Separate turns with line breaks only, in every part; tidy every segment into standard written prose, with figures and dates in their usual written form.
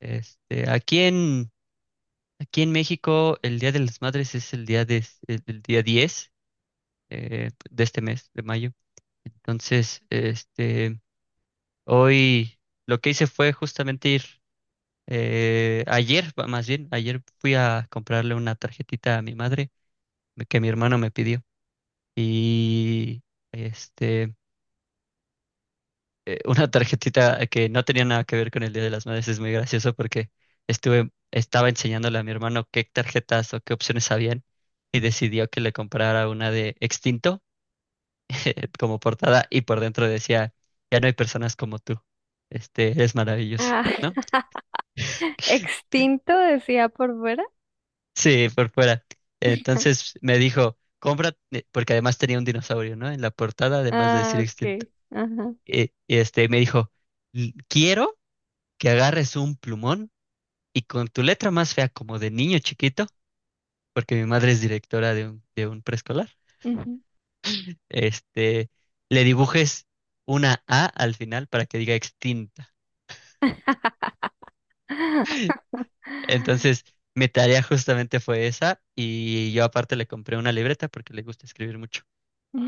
Este, aquí en, aquí en México, el Día de las Madres es el día 10 de este mes, de mayo. Entonces, hoy lo que hice fue justamente ayer, más bien, ayer fui a comprarle una tarjetita a mi madre que mi hermano me pidió. Y este, una tarjetita que no tenía nada que ver con el Día de las Madres. Es muy gracioso porque estaba enseñándole a mi hermano qué tarjetas o qué opciones habían y decidió que le comprara una de Extinto como portada y por dentro decía, ya no hay personas como tú. Eres maravilloso.
Ah, extinto decía por fuera.
Sí, por fuera. Entonces me dijo, compra, porque además tenía un dinosaurio, ¿no? En la portada, además de decir
Ah,
Extinto.
ok. Ajá.
Y me dijo: Quiero que agarres un plumón y con tu letra más fea, como de niño chiquito, porque mi madre es directora de un preescolar,
Ujú.
este, le dibujes una A al final para que diga extinta." Entonces, mi tarea justamente fue esa, y yo aparte le compré una libreta porque le gusta escribir mucho,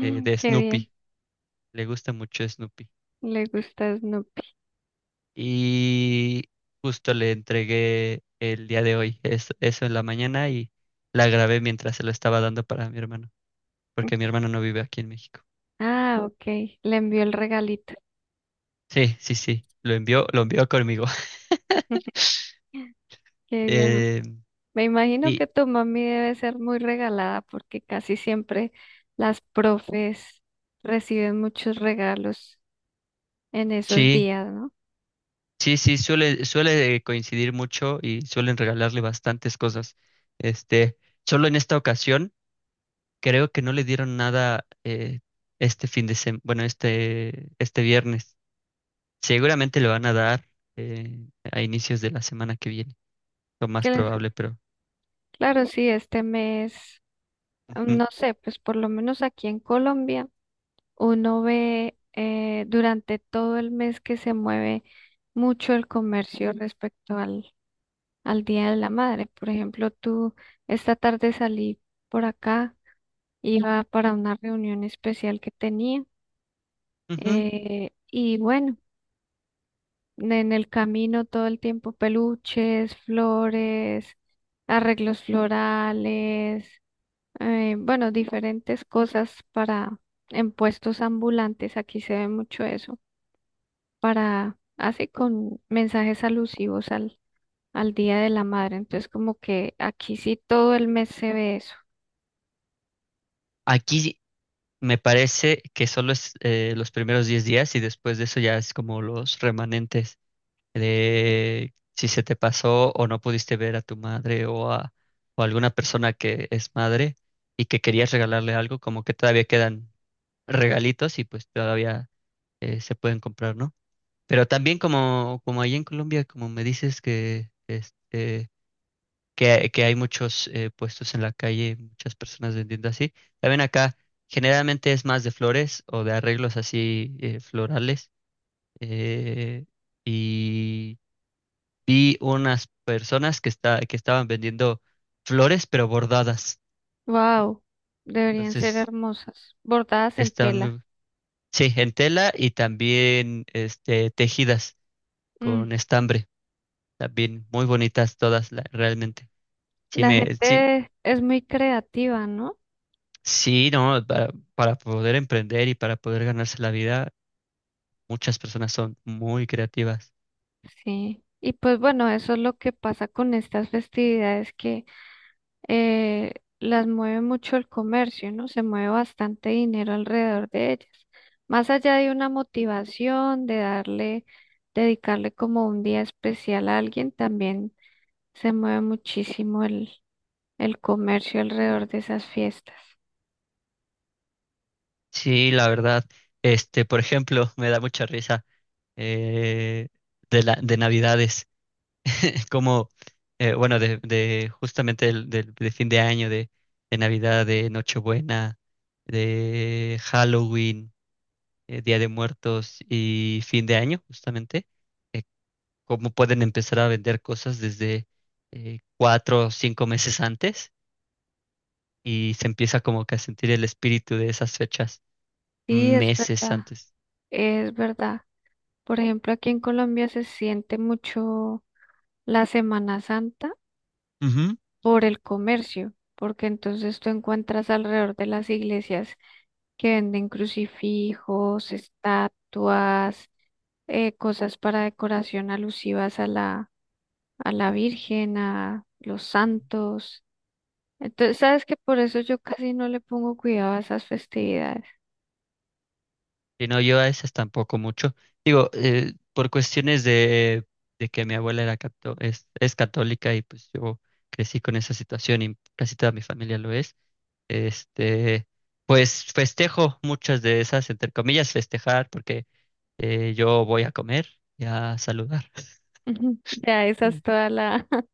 de
qué bien.
Snoopy, le gusta mucho Snoopy.
Le gusta Snoopy.
Y justo le entregué el día de hoy, eso en la mañana, y la grabé mientras se lo estaba dando para mi hermano, porque mi hermano no vive aquí en México.
Ah, ok. Le envió el regalito.
Sí, sí, sí, lo envió conmigo.
Qué bien.
Eh,
Me imagino
y
que tu mami debe ser muy regalada porque casi siempre las profes reciben muchos regalos en esos
sí,
días, ¿no?
sí, sí, suele coincidir mucho y suelen regalarle bastantes cosas. Este, Solo en esta ocasión, creo que no le dieron nada este fin de semana, bueno, este viernes. Seguramente le van a dar eh, a inicios de la semana que viene, lo más
Claro,
probable, pero
claro, sí, este mes,
ujú,
no sé, pues por lo menos aquí en Colombia. Uno ve durante todo el mes que se mueve mucho el comercio respecto al, al Día de la Madre. Por ejemplo, tú esta tarde salí por acá, iba para una reunión especial que tenía
ujú.
y bueno, en el camino todo el tiempo peluches, flores, arreglos florales, bueno, diferentes cosas para en puestos ambulantes. Aquí se ve mucho eso. Para, hace con mensajes alusivos al, al Día de la Madre. Entonces, como que aquí sí todo el mes se ve eso.
Aquí me parece que solo es los primeros 10 días y después de eso ya es como los remanentes de si se te pasó o no pudiste ver a tu madre o alguna persona que es madre y que querías regalarle algo, como que todavía quedan regalitos y pues todavía se pueden comprar, ¿no? Pero también como, allí en Colombia, como me dices que, que hay muchos puestos en la calle, muchas personas vendiendo así, también acá generalmente es más de flores o de arreglos así florales. eh, y vi unas personas que estaban vendiendo flores, pero bordadas.
Wow, deberían ser
Entonces,
hermosas, bordadas en
están
tela.
muy. Sí, en tela y también tejidas
Mm.
con estambre. También muy bonitas todas, realmente. Sí,
La
sí,
gente es muy creativa, ¿no?
sí, no, para poder emprender y para poder ganarse la vida, muchas personas son muy creativas.
Sí. Y pues bueno, eso es lo que pasa con estas festividades que eh, las mueve mucho el comercio, ¿no? Se mueve bastante dinero alrededor de ellas. Más allá de una motivación, de darle, dedicarle como un día especial a alguien, también se mueve muchísimo el comercio alrededor de esas fiestas.
Sí, la verdad. Por ejemplo, me da mucha risa eh, de Navidades. Como, bueno, de justamente de fin de año, de Navidad, de Nochebuena, de Halloween, Día de Muertos y fin de año, justamente, eh, cómo pueden empezar a vender cosas desde 4 o 5 meses antes y se empieza como que a sentir el espíritu de esas fechas
Sí, es
meses
verdad,
antes.
es verdad. Por ejemplo, aquí en Colombia se siente mucho la Semana Santa por el comercio, porque entonces tú encuentras alrededor de las iglesias que venden crucifijos, estatuas, cosas para decoración alusivas a la Virgen, a los santos. Entonces, sabes que por eso yo casi no le pongo cuidado a esas festividades.
Y no, yo a esas tampoco mucho. Digo, por cuestiones de que mi abuela es católica y pues yo crecí con esa situación y casi toda mi familia lo es. Este, pues festejo muchas de esas, entre comillas, festejar, porque yo voy a comer y a saludar.
Ujú. Ya esa es toda la,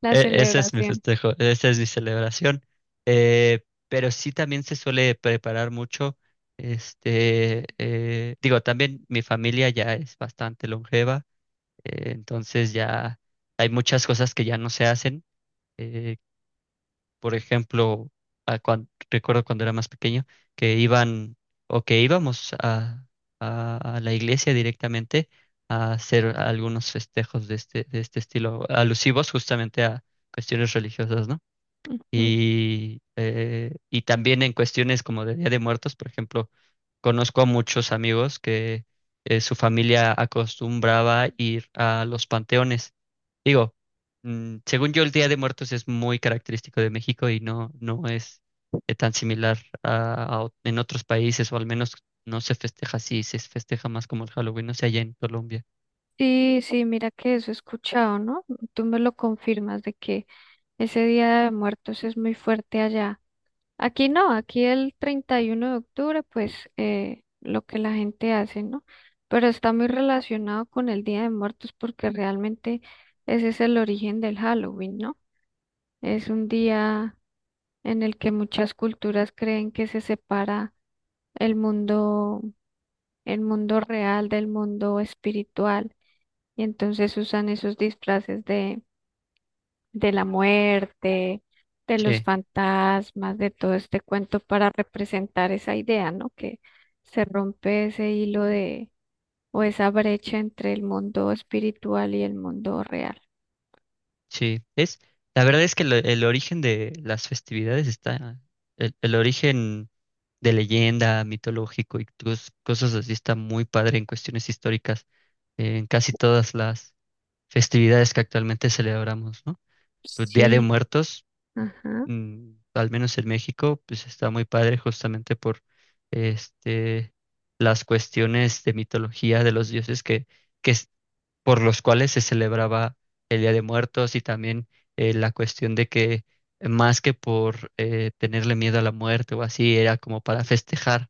la
Ese es mi
celebración.
festejo, esa es mi celebración. Eh, pero sí también se suele preparar mucho. Digo, también mi familia ya es bastante longeva, entonces ya hay muchas cosas que ya no se hacen. Eh, por ejemplo, recuerdo cuando era más pequeño que iban o que íbamos a la iglesia directamente a hacer algunos festejos de este estilo, alusivos justamente a cuestiones religiosas, ¿no?
Ujú.
Y también en cuestiones como de Día de Muertos, por ejemplo, conozco a muchos amigos que su familia acostumbraba ir a los panteones. Digo, según yo, el Día de Muertos es muy característico de México y no, no es tan similar en otros países, o al menos no se festeja así, se festeja más como el Halloween, no sé, allá en Colombia.
Sí, sí, mira que eso he escuchado, ¿no? Tú me lo confirmas de que ese Día de Muertos es muy fuerte allá. Aquí no, aquí el 31 de octubre, pues lo que la gente hace, ¿no? Pero está muy relacionado con el Día de Muertos porque realmente ese es el origen del Halloween, ¿no? Es un día en el que muchas culturas creen que se separa el mundo, el mundo real del mundo espiritual y entonces usan esos disfraces de la muerte, de los
Sí,
fantasmas, de todo este cuento para representar esa idea, ¿no? Que se rompe ese hilo de, o esa brecha entre el mundo espiritual y el mundo real.
sí. La verdad es que el origen de las festividades está, el origen de leyenda, mitológico y cosas así. Está muy padre en cuestiones históricas, en casi todas las festividades que actualmente celebramos, ¿no? Pues Día de
Sí,
Muertos,
ajá,
al menos en México, pues está muy padre justamente por este, las cuestiones de mitología de los dioses que es- por los cuales se celebraba el Día de Muertos y también la cuestión de que más que por tenerle miedo a la muerte o así, era como para festejar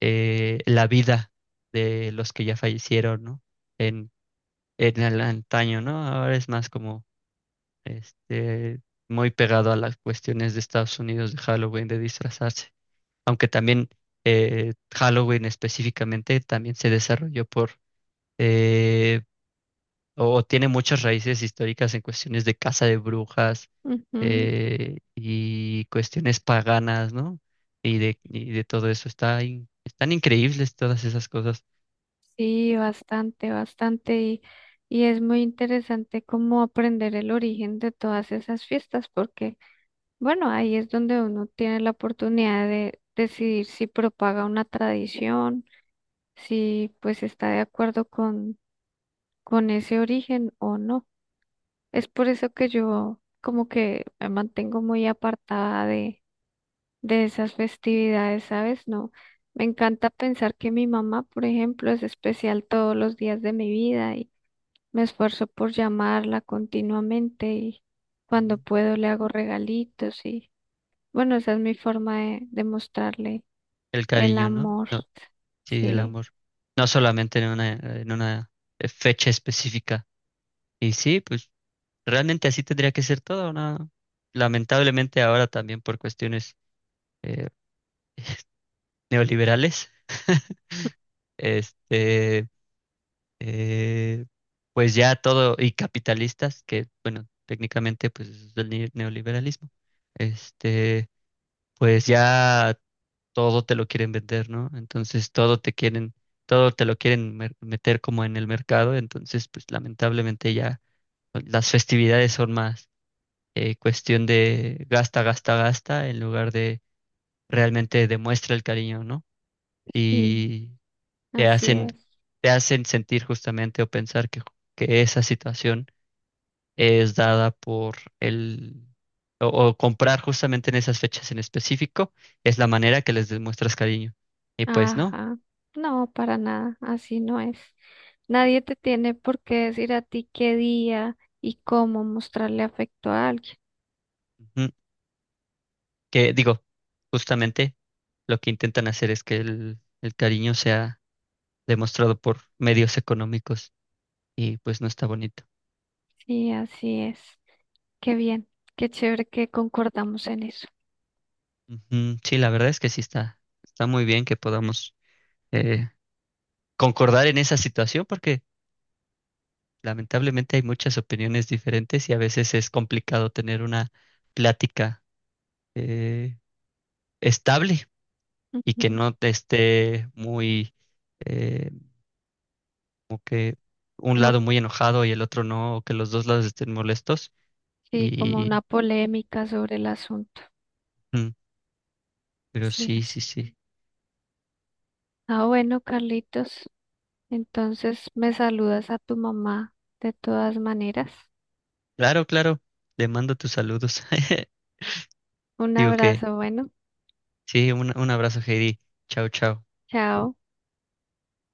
la vida de los que ya fallecieron, ¿no? En, en el antaño, ¿no? Ahora es más como este, muy pegado a las cuestiones de Estados Unidos, de Halloween, de disfrazarse. Aunque también Halloween específicamente también se desarrolló eh, o tiene muchas raíces históricas en cuestiones de caza de brujas
ujú.
y cuestiones paganas, ¿no? Y de todo eso. Está están increíbles todas esas cosas.
Sí, bastante, bastante. Y es muy interesante cómo aprender el origen de todas esas fiestas, porque, bueno, ahí es donde uno tiene la oportunidad de decidir si propaga una tradición si pues está de acuerdo con ese origen o no. Es por eso que yo como que me mantengo muy apartada de esas festividades, ¿sabes? No, me encanta pensar que mi mamá, por ejemplo, es especial todos los días de mi vida y me esfuerzo por llamarla continuamente y cuando
Ujú.
puedo le hago regalitos y bueno, esa es mi forma de mostrarle
El
el
cariño, ¿no?
amor.
No, sí, el
Sí,
amor. No solamente en una fecha específica. Y sí, pues realmente así tendría que ser todo, ¿no? Lamentablemente ahora también por cuestiones eh, neoliberales, este, eh, pues ya todo, y capitalistas, que bueno, técnicamente pues es el neoliberalismo, este, pues ya todo te lo quieren vender, ¿no? Entonces todo te quieren, todo te lo quieren meter como en el mercado, entonces pues lamentablemente ya pues, las festividades son más cuestión de gasta, gasta, gasta, en lugar de realmente demuestra el cariño, ¿no?
sí,
Y te
así
hacen,
es.
te hacen sentir justamente o pensar que esa situación es dada por el. O comprar justamente en esas fechas en específico es la manera que les demuestras cariño. Y pues no.
Ajá, no, para nada, así no es. Nadie te tiene por qué decir a ti qué día y cómo mostrarle afecto a alguien.
Ujú. Que digo, justamente lo que intentan hacer es que el cariño sea demostrado por medios económicos y pues no está bonito.
Sí, así es. Qué bien, qué chévere que concordamos en eso.
Ujú, sí, la verdad es que sí está muy bien que podamos eh, concordar en esa situación porque lamentablemente hay muchas opiniones diferentes y a veces es complicado tener una plática eh, estable y que
Ujú.
no te esté muy, eh, como que un
Como,
lado muy enojado y el otro no, o que los dos lados estén molestos.
sí, como una
Y,
polémica sobre el asunto.
mm, pero
Sí,
sí,
así.
sí, sí.
Ah, bueno, Carlitos, entonces me saludas a tu mamá de todas maneras.
Claro, claro. Le mando tus saludos.
Un
Digo que
abrazo, bueno,
sí, un abrazo, Heidi. Chao, chao.
chao.